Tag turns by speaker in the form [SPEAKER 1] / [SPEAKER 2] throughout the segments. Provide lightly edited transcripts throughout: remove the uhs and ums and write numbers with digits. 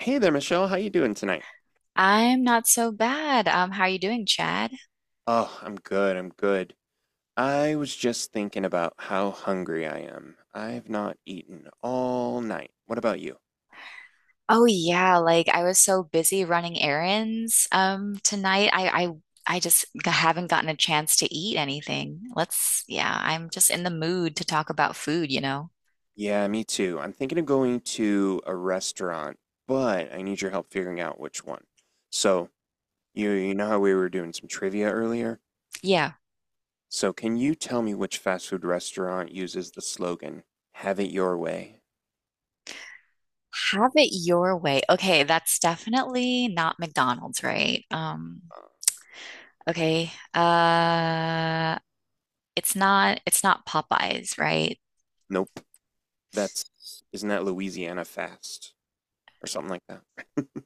[SPEAKER 1] Hey there, Michelle. How you doing tonight?
[SPEAKER 2] I'm not so bad. How are you doing, Chad?
[SPEAKER 1] Oh, I'm good. I'm good. I was just thinking about how hungry I am. I've not eaten all night. What about you?
[SPEAKER 2] Oh yeah, like I was so busy running errands tonight. I I just haven't gotten a chance to eat anything. Yeah, I'm just in the mood to talk about food, you know?
[SPEAKER 1] Yeah, me too. I'm thinking of going to a restaurant, but I need your help figuring out which one. So, you know how we were doing some trivia earlier?
[SPEAKER 2] Yeah.
[SPEAKER 1] So, can you tell me which fast food restaurant uses the slogan, "Have it your way"?
[SPEAKER 2] Have it your way. Okay, that's definitely not McDonald's, right? Okay. Uh, it's not Popeyes, right?
[SPEAKER 1] Nope. That's isn't that Louisiana Fast or something like that?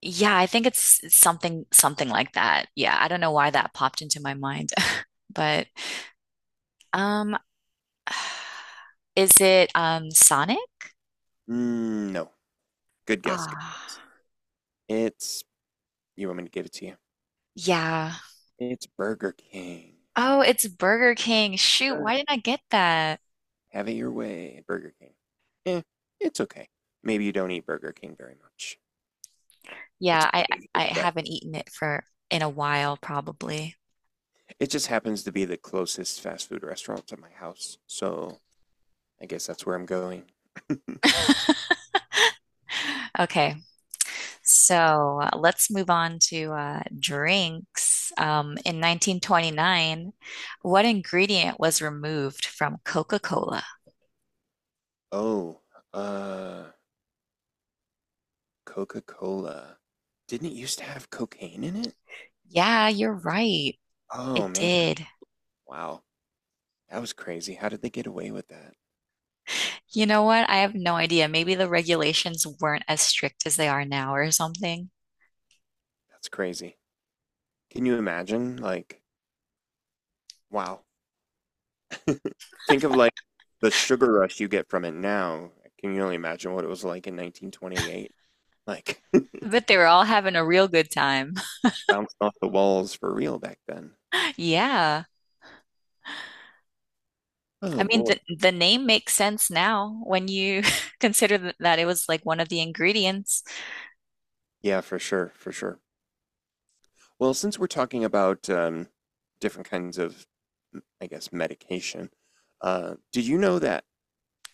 [SPEAKER 2] Yeah, I think it's something like that. Yeah, I don't know why that popped into my mind, but um is it Sonic?
[SPEAKER 1] No. Good guess. Good
[SPEAKER 2] Ah,
[SPEAKER 1] guess. It's you want me to give it to you?
[SPEAKER 2] yeah.
[SPEAKER 1] It's Burger King.
[SPEAKER 2] Oh, it's Burger King. Shoot,
[SPEAKER 1] Burger-
[SPEAKER 2] why didn't I get that?
[SPEAKER 1] Have it your way, at Burger King. Eh, it's okay. Maybe you don't eat Burger King very much. It's
[SPEAKER 2] Yeah, I
[SPEAKER 1] pretty good
[SPEAKER 2] I I
[SPEAKER 1] at that.
[SPEAKER 2] haven't eaten it for in a while probably.
[SPEAKER 1] It just happens to be the closest fast food restaurant to my house, so I guess that's where I'm going.
[SPEAKER 2] Okay. So, let's move on to drinks. In 1929, what ingredient was removed from Coca-Cola?
[SPEAKER 1] Oh, uh, Coca Cola. Didn't it used to have cocaine in it?
[SPEAKER 2] Yeah, you're right.
[SPEAKER 1] Oh
[SPEAKER 2] It
[SPEAKER 1] man,
[SPEAKER 2] did.
[SPEAKER 1] wow, that was crazy. How did they get away with that?
[SPEAKER 2] You know what? I have no idea. Maybe the regulations weren't as strict as they are now or something.
[SPEAKER 1] That's crazy. Can you imagine, like, wow. Think of like the sugar rush you get from it now. Can you only imagine what it was like in 1928? Like
[SPEAKER 2] But they were all having a real good time.
[SPEAKER 1] bounced off the walls for real back then.
[SPEAKER 2] Yeah. I
[SPEAKER 1] Oh
[SPEAKER 2] mean,
[SPEAKER 1] boy.
[SPEAKER 2] the name makes sense now when you consider that it was like one of the ingredients.
[SPEAKER 1] Yeah, for sure, for sure. Well, since we're talking about different kinds of, m- I guess, medication, did you know that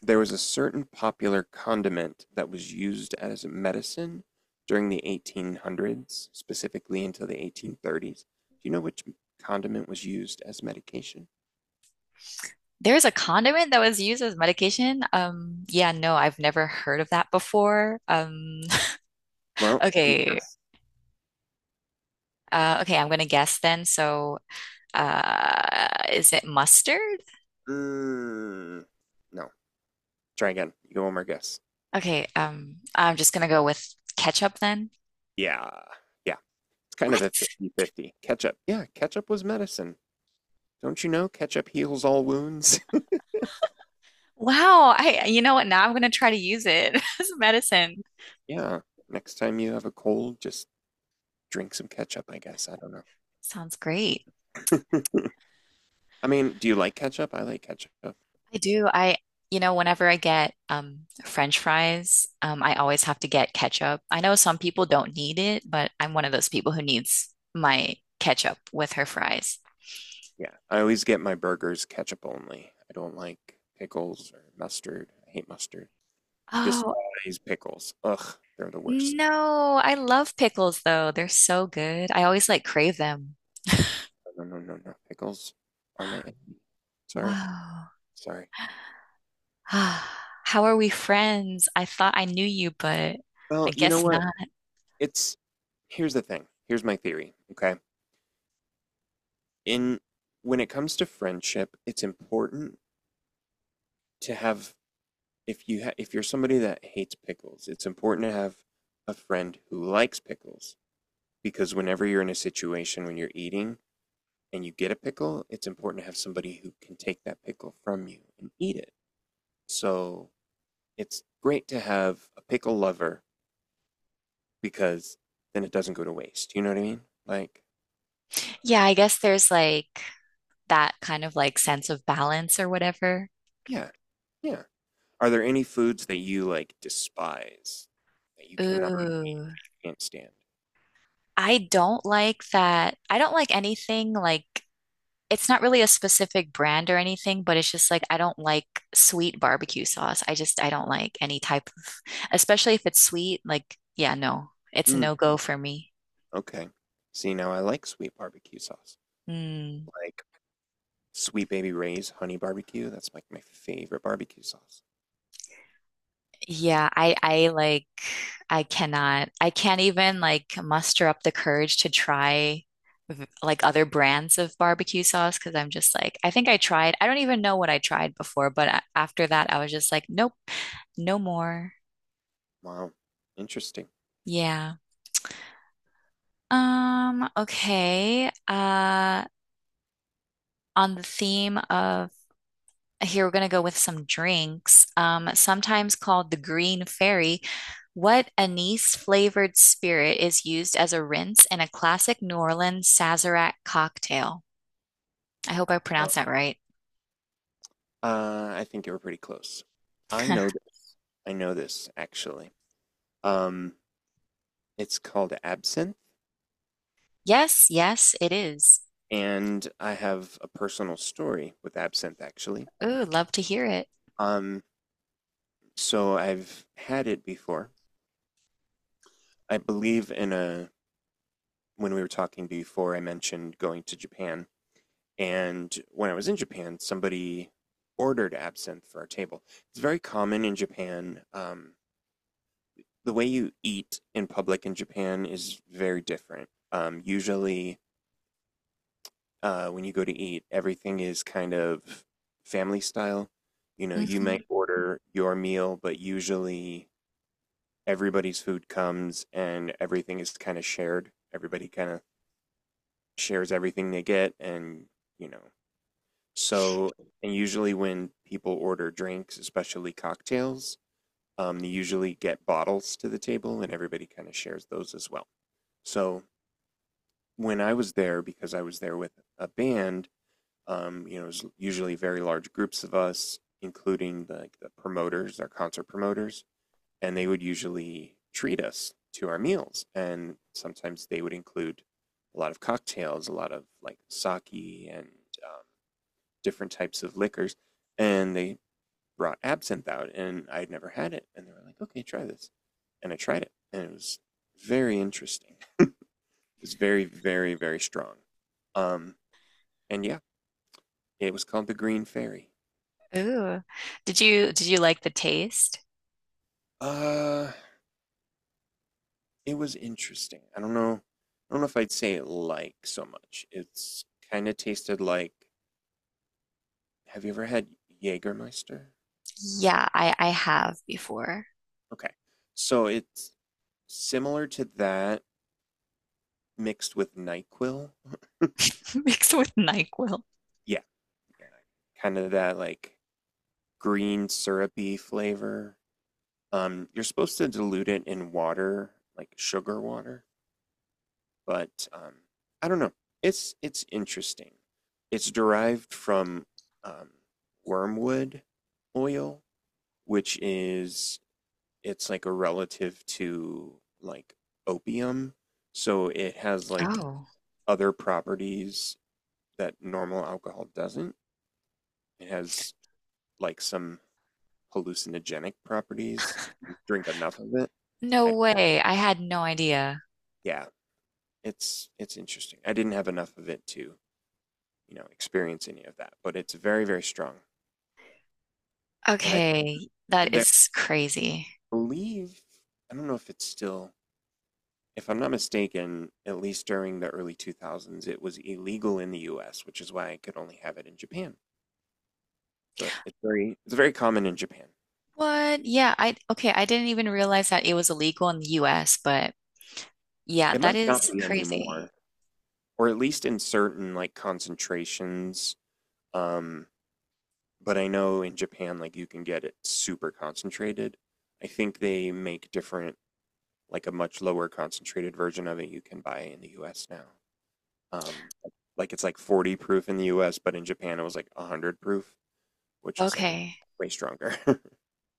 [SPEAKER 1] there was a certain popular condiment that was used as a medicine during the 1800s, specifically until the 1830s? Do you know which condiment was used as medication?
[SPEAKER 2] There's a condiment that was used as medication. Yeah, no, I've never heard of that before.
[SPEAKER 1] Well, can
[SPEAKER 2] Okay. Okay, I'm gonna guess then. So, is it mustard?
[SPEAKER 1] Mm, no. Try again. You go one more guess.
[SPEAKER 2] Okay, I'm just gonna go with ketchup then.
[SPEAKER 1] Yeah. Yeah. It's kind of
[SPEAKER 2] What?
[SPEAKER 1] a 50-50. Ketchup. Yeah, ketchup was medicine. Don't you know ketchup heals all wounds?
[SPEAKER 2] Wow, I you know what? Now I'm gonna try to use it as a medicine.
[SPEAKER 1] Yeah. Next time you have a cold, just drink some ketchup, I guess. I don't
[SPEAKER 2] Sounds great.
[SPEAKER 1] know. I mean, do you like ketchup? I like ketchup.
[SPEAKER 2] I do. I You know, whenever I get French fries, I always have to get ketchup. I know some people don't need it, but I'm one of those people who needs my ketchup with her fries.
[SPEAKER 1] Yeah. I always get my burgers ketchup only. I don't like pickles or mustard. I hate mustard. I
[SPEAKER 2] Oh,
[SPEAKER 1] despise pickles. Ugh, they're the worst.
[SPEAKER 2] no, I love pickles though. They're so good. I always like crave them.
[SPEAKER 1] No, no, no, no. Pickles are my enemy. Sorry.
[SPEAKER 2] Whoa.
[SPEAKER 1] Sorry.
[SPEAKER 2] How are we friends? I thought I knew you, but I
[SPEAKER 1] Well, you know
[SPEAKER 2] guess
[SPEAKER 1] what?
[SPEAKER 2] not.
[SPEAKER 1] It's here's the thing. Here's my theory, okay? In when it comes to friendship, it's important to have if you ha if you're somebody that hates pickles, it's important to have a friend who likes pickles because whenever you're in a situation when you're eating and you get a pickle, it's important to have somebody who can take that pickle from you and eat it. So, it's great to have a pickle lover because then it doesn't go to waste. You know what I mean? Like,
[SPEAKER 2] Yeah, I guess there's like that kind of like sense of balance or whatever.
[SPEAKER 1] yeah, yeah. Are there any foods that you like despise that you cannot
[SPEAKER 2] Ooh.
[SPEAKER 1] can't stand?
[SPEAKER 2] I don't like that. I don't like anything like it's not really a specific brand or anything, but it's just like I don't like sweet barbecue sauce. I don't like any type of, especially if it's sweet, like yeah, no. It's a
[SPEAKER 1] Mm,
[SPEAKER 2] no-go for me.
[SPEAKER 1] okay. See, now I like sweet barbecue sauce.
[SPEAKER 2] Mm.
[SPEAKER 1] Like Sweet Baby Ray's honey barbecue. That's like my favorite barbecue sauce.
[SPEAKER 2] Yeah, I like I cannot I can't even like muster up the courage to try like other brands of barbecue sauce because I'm just like I think I tried I don't even know what I tried before but after that I was just like nope, no more.
[SPEAKER 1] Wow. Interesting.
[SPEAKER 2] Yeah. Okay. On the theme of here we're going to go with some drinks, sometimes called the Green Fairy. What anise flavored spirit is used as a rinse in a classic New Orleans Sazerac cocktail? I hope I
[SPEAKER 1] Uh,
[SPEAKER 2] pronounced that right.
[SPEAKER 1] I think you were pretty close. I know this. I know this actually. Um, it's called absinthe,
[SPEAKER 2] Yes, yes, it is.
[SPEAKER 1] and I have a personal story with absinthe actually.
[SPEAKER 2] Ooh, love to hear it.
[SPEAKER 1] Um, so I've had it before. I believe in a when we were talking before, I mentioned going to Japan, and when I was in Japan, somebody ordered absinthe for our table. It's very common in Japan. The way you eat in public in Japan is very different. Usually, when you go to eat, everything is kind of family style. You know, you might
[SPEAKER 2] Mhm.
[SPEAKER 1] order your meal, but usually everybody's food comes and everything is kind of shared. Everybody kind of shares everything they get, and you know. So, and usually when people order drinks, especially cocktails, they usually get bottles to the table, and everybody kind of shares those as well. So when I was there, because I was there with a band, you know, it was usually very large groups of us, including like the promoters, our concert promoters and they would usually treat us to our meals. And sometimes they would include a lot of cocktails, a lot of like sake and uh, different types of liquors. And they brought absinthe out, and I'd never had it. And they were like, okay, try this. And I tried it, and it was very interesting. It was very, very, very strong. Um, and yeah, it was called the Green Fairy.
[SPEAKER 2] Ooh. Did you like the taste?
[SPEAKER 1] Uh, it was interesting. I don't know. I don't know if I'd say it like so much. It's kind of tasted like have you ever had Jägermeister?
[SPEAKER 2] Yeah, I have before.
[SPEAKER 1] Okay. So it's similar to that mixed with NyQuil.
[SPEAKER 2] Mixed with NyQuil.
[SPEAKER 1] Yeah, yeah. Kind of that like green syrupy flavor. You're supposed to dilute it in water, like sugar water, but I don't know. It's interesting. It's derived from um, wormwood oil, which is it's like a relative to like opium, so it has like
[SPEAKER 2] Oh.
[SPEAKER 1] other properties that normal alcohol doesn't. It has like some hallucinogenic properties if you drink enough of it.
[SPEAKER 2] No
[SPEAKER 1] I,
[SPEAKER 2] way. I had no idea.
[SPEAKER 1] yeah, it's interesting. I didn't have enough of it to, you know, experience any of that, but it's very very strong. And I
[SPEAKER 2] Okay, that
[SPEAKER 1] and
[SPEAKER 2] is crazy.
[SPEAKER 1] I believe I don't know if it's still if I'm not mistaken, at least during the early 2000s, it was illegal in the US, which is why I could only have it in Japan. But it's very common in Japan.
[SPEAKER 2] What? Yeah, I okay, I didn't even realize that it was illegal in the US, but yeah,
[SPEAKER 1] It
[SPEAKER 2] that
[SPEAKER 1] might not
[SPEAKER 2] is
[SPEAKER 1] be
[SPEAKER 2] crazy.
[SPEAKER 1] anymore, or at least in certain like concentrations. Um, but I know in Japan, like you can get it super concentrated. I think they make different, like a much lower concentrated version of it you can buy in the US now. Um, like it's like 40 proof in the US, but in Japan it was like 100 proof. Which was like
[SPEAKER 2] Okay.
[SPEAKER 1] way stronger.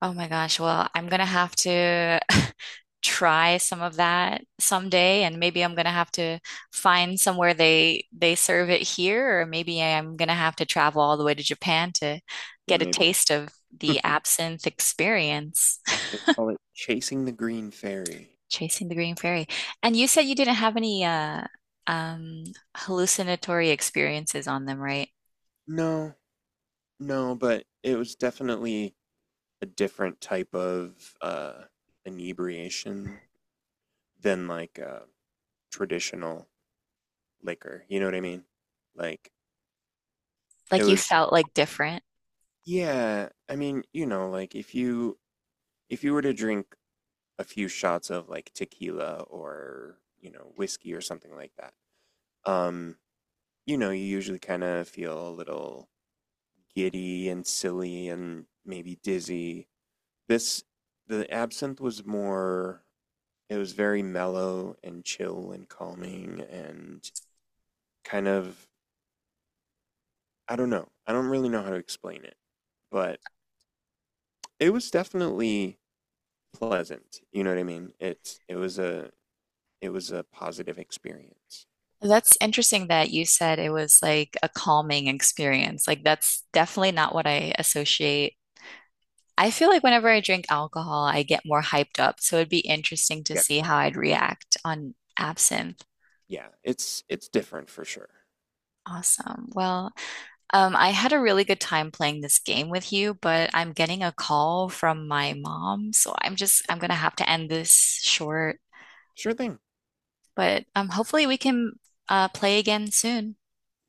[SPEAKER 2] Oh my gosh. Well, I'm gonna have to try some of that someday, and maybe I'm gonna have to find somewhere they serve it here, or maybe I'm gonna have to travel all the way to Japan to
[SPEAKER 1] Yeah,
[SPEAKER 2] get a
[SPEAKER 1] maybe.
[SPEAKER 2] taste of
[SPEAKER 1] They
[SPEAKER 2] the absinthe experience.
[SPEAKER 1] call it Chasing the Green Fairy.
[SPEAKER 2] Chasing the Green Fairy. And you said you didn't have any um hallucinatory experiences on them, right?
[SPEAKER 1] No, no, but it was definitely a different type of inebriation than like traditional liquor. You know what I mean? Like it
[SPEAKER 2] Like you
[SPEAKER 1] was.
[SPEAKER 2] felt like different.
[SPEAKER 1] Yeah, I mean, you know, like if you were to drink a few shots of like tequila or you know whiskey or something like that, um, you know, you usually kind of feel a little giddy and silly and maybe dizzy. This, the absinthe was more, it was very mellow and chill and calming and kind of, I don't know. I don't really know how to explain it, but it was definitely pleasant. You know what I mean? It, it was a positive experience.
[SPEAKER 2] That's interesting that you said it was like a calming experience. Like, that's definitely not what I associate. I feel like whenever I drink alcohol, I get more hyped up. So it'd be interesting to
[SPEAKER 1] Yeah.
[SPEAKER 2] see how I'd react on absinthe.
[SPEAKER 1] Yeah, it's different for sure.
[SPEAKER 2] Awesome. Well, I had a really good time playing this game with you, but I'm getting a call from my mom, so I'm gonna have to end this short.
[SPEAKER 1] Sure thing.
[SPEAKER 2] But hopefully we can play again soon.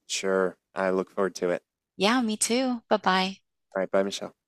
[SPEAKER 1] Sure. I look forward to it.
[SPEAKER 2] Yeah, me too. Bye bye.
[SPEAKER 1] All right, bye, Michelle.